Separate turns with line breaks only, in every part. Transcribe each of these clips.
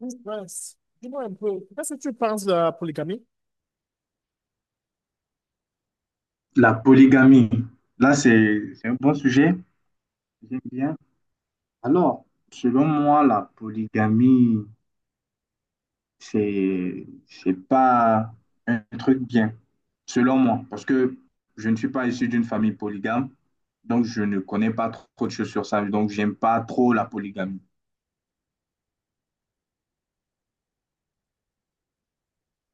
Oui, Prince, dis-moi un peu, qu'est-ce que tu penses de la polygamie?
La polygamie, là, c'est un bon sujet. J'aime bien. Alors, selon moi, la polygamie, c'est pas un truc bien, selon moi, parce que je ne suis pas issu d'une famille polygame, donc je ne connais pas trop de choses sur ça, donc j'aime pas trop la polygamie.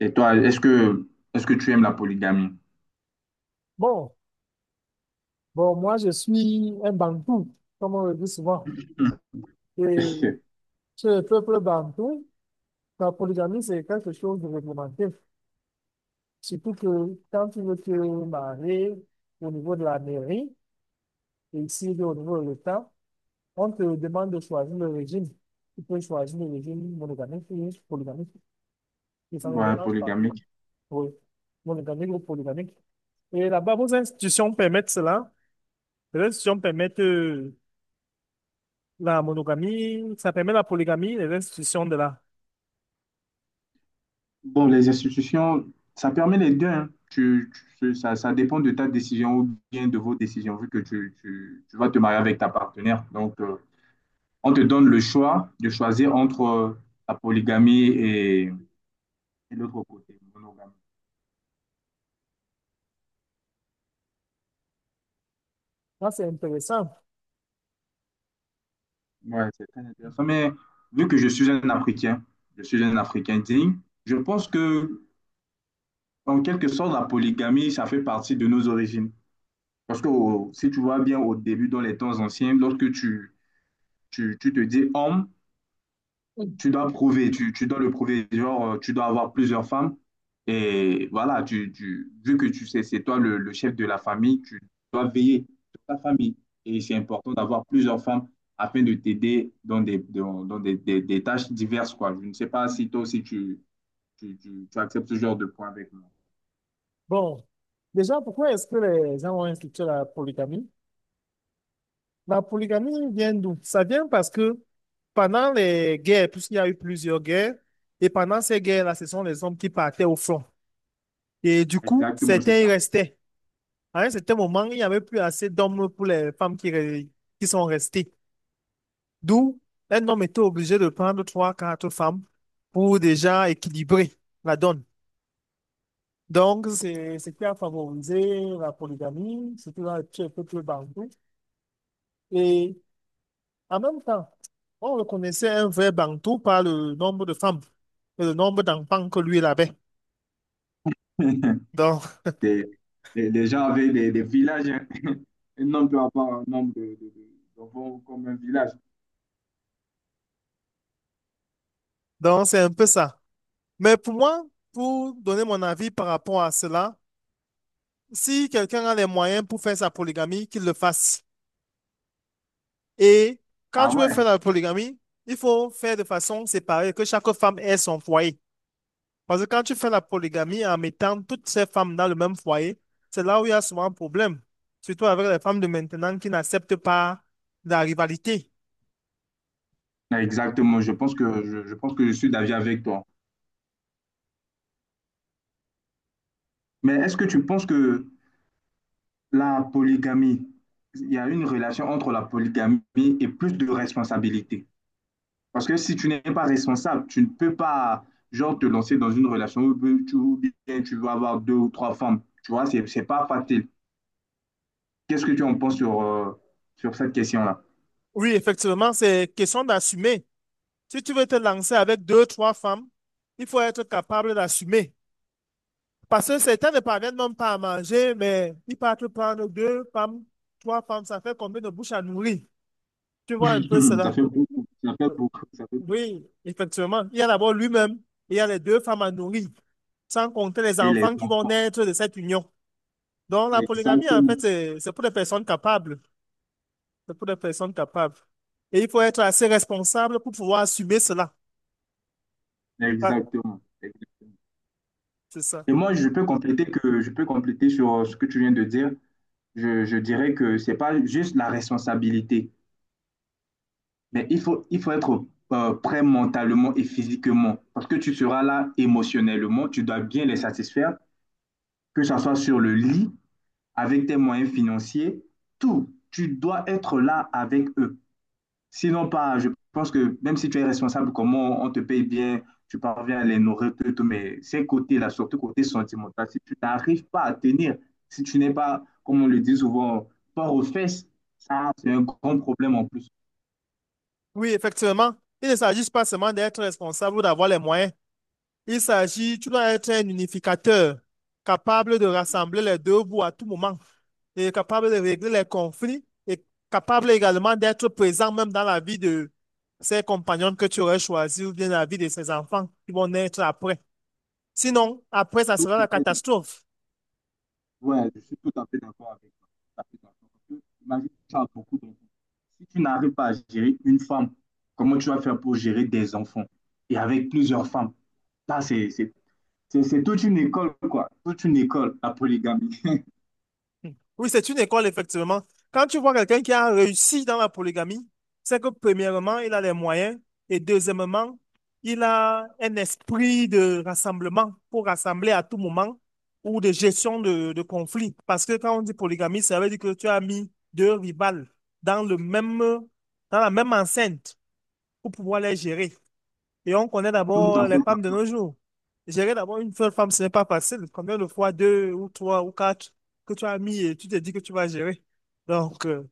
Et toi, est-ce que tu aimes la polygamie?
Bon, bon, moi je suis un Bantou, comme on le dit souvent. Et chez le peuple Bantou, la polygamie c'est quelque chose de réglementé. Surtout que quand tu veux te marier au niveau de la mairie, et ici au niveau de l'État, on te demande de choisir le régime. Tu peux choisir le régime monogamique ou polygamique, et ça ne me
Ouais,
dérange pas.
polygamie.
Oui, monogamique ou polygamique. Et là-bas, vos institutions permettent cela? Les institutions permettent la monogamie, ça permet la polygamie, les institutions de la...
Bon, les institutions, ça permet les deux, hein. Ça, ça dépend de ta décision ou bien de vos décisions, vu que tu vas te marier avec ta partenaire. Donc, on te donne le choix de choisir entre la polygamie et l'autre côté, monogamie.
Ça, c'est intéressant.
Ouais, c'est très intéressant. Mais vu que je suis un Africain, je suis un Africain digne, je pense que, en quelque sorte, la polygamie, ça fait partie de nos origines. Parce que si tu vois bien au début, dans les temps anciens, lorsque tu te dis homme,
Mm.
tu dois prouver, tu dois le prouver, genre, tu dois avoir plusieurs femmes. Et voilà, vu que tu sais, c'est toi le chef de la famille, tu dois veiller sur ta famille. Et c'est important d'avoir plusieurs femmes afin de t'aider dans des, dans, dans des tâches diverses, quoi. Je ne sais pas si toi aussi tu acceptes ce genre de point avec moi.
Bon, déjà, pourquoi est-ce que les gens ont institué la polygamie? La polygamie vient d'où? Ça vient parce que pendant les guerres, puisqu'il y a eu plusieurs guerres, et pendant ces guerres-là, ce sont les hommes qui partaient au front. Et du coup,
Exactement, c'est
certains y
ça.
restaient. À un certain moment, il n'y avait plus assez d'hommes pour les femmes qui, qui sont restées. D'où, un homme était obligé de prendre trois, quatre femmes pour déjà équilibrer la donne. Donc, c'est ce qui a favorisé la polygamie, surtout dans les peuples bantou. Et en même temps, on reconnaissait un vrai Bantou par le nombre de femmes et le nombre d'enfants que lui il avait. Donc,
Des, des gens avec des villages, hein. Un homme peut avoir un nombre de d'enfants comme un village.
donc, c'est un peu ça. Mais pour moi, pour donner mon avis par rapport à cela, si quelqu'un a les moyens pour faire sa polygamie, qu'il le fasse. Et quand
Ah
tu veux
ouais,
faire la polygamie, il faut faire de façon séparée, que chaque femme ait son foyer. Parce que quand tu fais la polygamie en mettant toutes ces femmes dans le même foyer, c'est là où il y a souvent un problème. Surtout avec les femmes de maintenant qui n'acceptent pas la rivalité.
exactement, je pense que je pense que je suis d'avis avec toi. Mais est-ce que tu penses que la polygamie, il y a une relation entre la polygamie et plus de responsabilité? Parce que si tu n'es pas responsable, tu ne peux pas genre te lancer dans une relation où ou bien tu vas avoir deux ou trois femmes. Tu vois, c'est pas facile. Qu'est-ce que tu en penses sur sur cette question-là?
Oui, effectivement, c'est question d'assumer. Si tu veux te lancer avec deux, trois femmes, il faut être capable d'assumer. Parce que certains ne parviennent même pas à manger, mais ils partent prendre deux femmes, trois femmes, ça fait combien de bouches à nourrir? Tu vois un peu
Ça
cela.
fait beaucoup, ça fait beaucoup, ça fait beaucoup.
Oui, effectivement. Il y a d'abord lui-même, il y a les deux femmes à nourrir, sans compter les
Et les
enfants qui vont
enfants.
naître de cette union. Donc la polygamie, en
Exactement,
fait, c'est pour les personnes capables. C'est pour les personnes capables. Et il faut être assez responsable pour pouvoir assumer cela. Ah,
exactement.
c'est ça.
Et moi, je peux compléter sur ce que tu viens de dire. Je dirais que c'est pas juste la responsabilité, mais il faut être prêt mentalement et physiquement parce que tu seras là émotionnellement. Tu dois bien les satisfaire, que ça soit sur le lit, avec tes moyens financiers, tout. Tu dois être là avec eux. Sinon, pas, je pense que même si tu es responsable, comment on te paye bien, tu parviens à les nourrir, tout, tout, mais ces côtés-là, surtout côté sentimental, si tu n'arrives pas à tenir, si tu n'es pas, comme on le dit souvent, fort aux fesses, ça, c'est un grand problème en plus.
Oui, effectivement. Il ne s'agit pas seulement d'être responsable ou d'avoir les moyens. Il s'agit, tu dois être un unificateur, capable de rassembler les deux bouts à tout moment, et capable de régler les conflits, et capable également d'être présent même dans la vie de ses compagnons que tu aurais choisis ou bien la vie de ses enfants qui vont naître après. Sinon, après, ça
Tout
sera
à
la
fait
catastrophe.
ouais, je suis tout à fait d'accord avec toi. Tout à fait d'accord. Parce que, imagine, tu as beaucoup d'enfants. Si tu n'arrives pas à gérer une femme, comment tu vas faire pour gérer des enfants et avec plusieurs femmes? Ça, c'est c'est toute une école, quoi. Toute une école, la polygamie.
Oui, c'est une école, effectivement. Quand tu vois quelqu'un qui a réussi dans la polygamie, c'est que premièrement, il a les moyens et deuxièmement, il a un esprit de rassemblement pour rassembler à tout moment ou de gestion de conflits. Parce que quand on dit polygamie, ça veut dire que tu as mis deux rivales dans le même, dans la même enceinte pour pouvoir les gérer. Et on connaît
Tout
d'abord
à fait
les femmes de
d'accord.
nos jours. Gérer d'abord une seule femme, ce n'est pas facile. Combien de fois, deux ou trois ou quatre que tu as mis et tu te dis que tu vas gérer. Donc,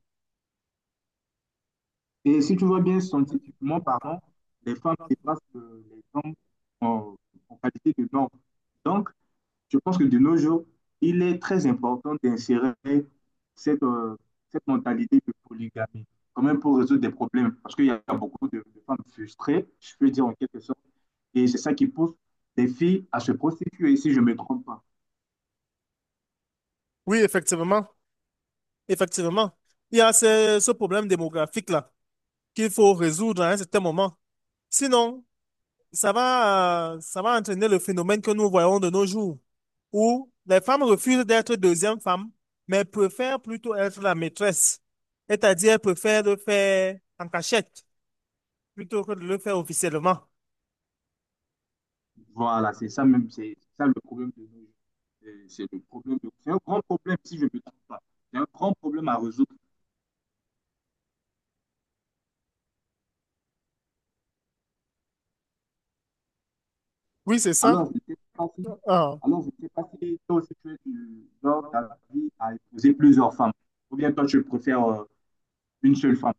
Et si tu vois bien scientifiquement pardon les femmes dépassent les hommes en, en qualité de normes. Donc, je pense que de nos jours, il est très important d'insérer cette, cette mentalité de polygamie, quand même pour résoudre des problèmes, parce qu'il y a beaucoup de femmes frustrées, je peux dire en quelque sorte, et c'est ça qui pousse les filles à se prostituer, si je ne me trompe pas.
oui, effectivement, effectivement. Il y a ce problème démographique-là qu'il faut résoudre à un certain moment. Sinon, ça va entraîner le phénomène que nous voyons de nos jours, où les femmes refusent d'être deuxième femme, mais préfèrent plutôt être la maîtresse. C'est-à-dire, préfèrent le faire en cachette, plutôt que de le faire officiellement.
Voilà, c'est ça même, c'est ça le problème de nos jours. C'est le c'est un grand problème si je ne me trompe pas. C'est un grand problème à résoudre.
Oui, c'est ça.
Alors, je ne sais pas si,
Ah.
alors, je ne sais pas si toi aussi tu es du genre d'avis à épouser plusieurs femmes. Ou bien toi, tu préfères une seule femme.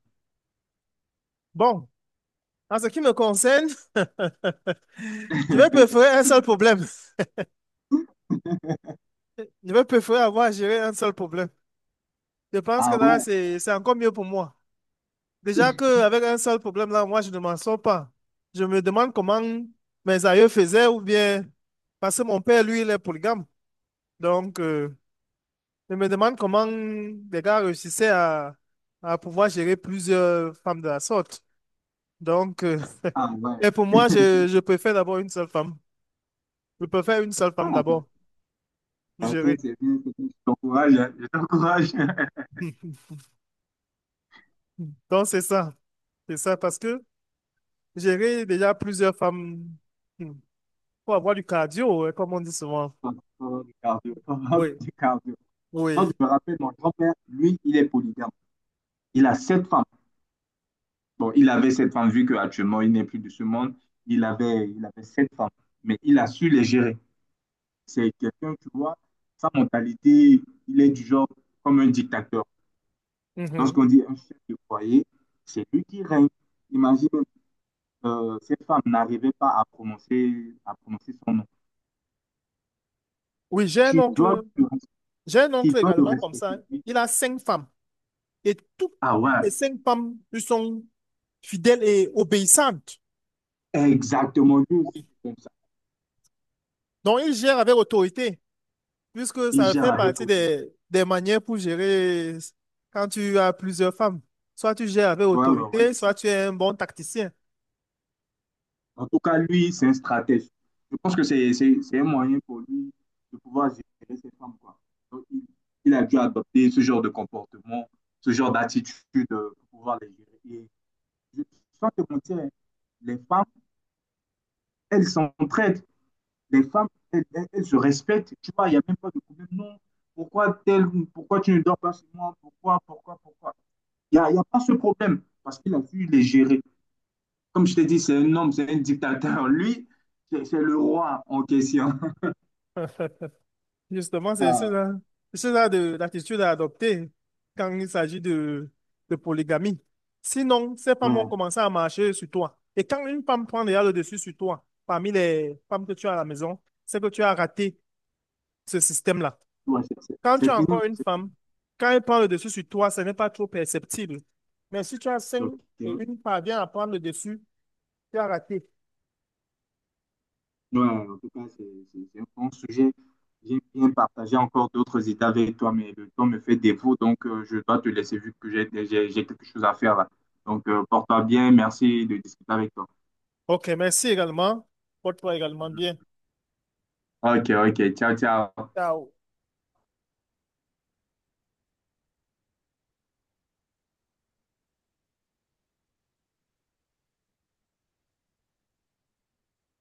Bon, en ce qui me concerne, je vais préférer un seul problème. Je vais préférer avoir à gérer un seul problème. Je pense que
Ah
là,
ouais,
c'est encore mieux pour moi. Déjà qu'avec un seul problème, là, moi, je ne m'en sors pas. Je me demande comment mes aïeux faisaient ou bien... Parce que mon père, lui, il est polygame. Donc, je me demande comment les gars réussissaient à pouvoir gérer plusieurs femmes de la sorte. Donc,
ah ouais.
et pour moi, je préfère d'abord une seule femme. Je préfère une seule femme
Ah, bah,
d'abord pour
d'accord,
gérer.
c'est bien, c'est bien. Je t'encourage, hein, je t'encourage.
Donc, c'est ça. C'est ça parce que gérer déjà plusieurs femmes, hmm, faut avoir du cardio, hein, comme on dit souvent.
Faut avoir du cardio, faut avoir
Oui.
du cardio. Moi, je
Oui.
me rappelle, mon grand-père, lui, il est polygame. Il a 7 femmes. Bon, il avait cette femme, vu qu'actuellement, il n'est plus de ce monde. Il avait cette femme, mais il a su les gérer. C'est quelqu'un, tu vois, sa mentalité, il est du genre comme un dictateur.
Mhm.
Lorsqu'on dit un chef de foyer, c'est lui qui règne. Imagine, cette femme n'arrivait pas à prononcer, à prononcer son nom.
Oui,
Tu dois le,
j'ai un
tu
oncle
dois le
également comme ça, hein.
respecter. Oui.
Il a 5 femmes et toutes
Ah ouais,
les 5 femmes lui sont fidèles et obéissantes.
exactement, lui aussi,
Oui.
c'est comme ça.
Donc, il gère avec autorité. Puisque
Il
ça
gère
fait
avec
partie
autorité.
des manières pour gérer quand tu as plusieurs femmes. Soit tu gères avec
Ouais, ouais, ouais,
autorité,
c'est ça.
soit tu es un bon tacticien.
En tout cas, lui, c'est un stratège. Je pense que c'est un moyen pour lui de pouvoir gérer ses femmes, quoi. Donc, il a dû adopter ce genre de comportement, ce genre d'attitude pour pouvoir les gérer. Et je, sans te mentir, hein, les femmes, elles s'entraident. Les femmes, elles se respectent. Tu vois, il n'y a même pas de problème. Non, pourquoi tel, pourquoi tu ne dors pas chez moi? Pourquoi, pourquoi, pourquoi? Il y a pas ce problème parce qu'il a su les gérer. Comme je t'ai dit, c'est un homme, c'est un dictateur. Lui, c'est le roi en question.
Justement, c'est
Ah,
ce l'attitude à adopter quand il s'agit de polygamie. Sinon, ces femmes vont
ouais,
commencer à marcher sur toi. Et quand une femme prend déjà le dessus sur toi, parmi les femmes que tu as à la maison, c'est que tu as raté ce système-là.
ouais,
Quand
c'est
tu as
fini,
encore une
c'est
femme,
fini.
quand elle prend le dessus sur toi, ce n'est pas trop perceptible. Mais si tu as 5 et
Ok.
une parvient à prendre le dessus, tu as raté.
Ouais, en tout cas, c'est un bon sujet. J'ai bien partagé encore d'autres idées avec toi, mais le temps me fait défaut, donc je dois te laisser vu que j'ai quelque chose à faire là. Donc, porte-toi bien, merci de discuter avec toi.
OK, merci également. Porte-toi également
Mhm.
bien.
Ok, ok, ciao, ciao.
Ciao.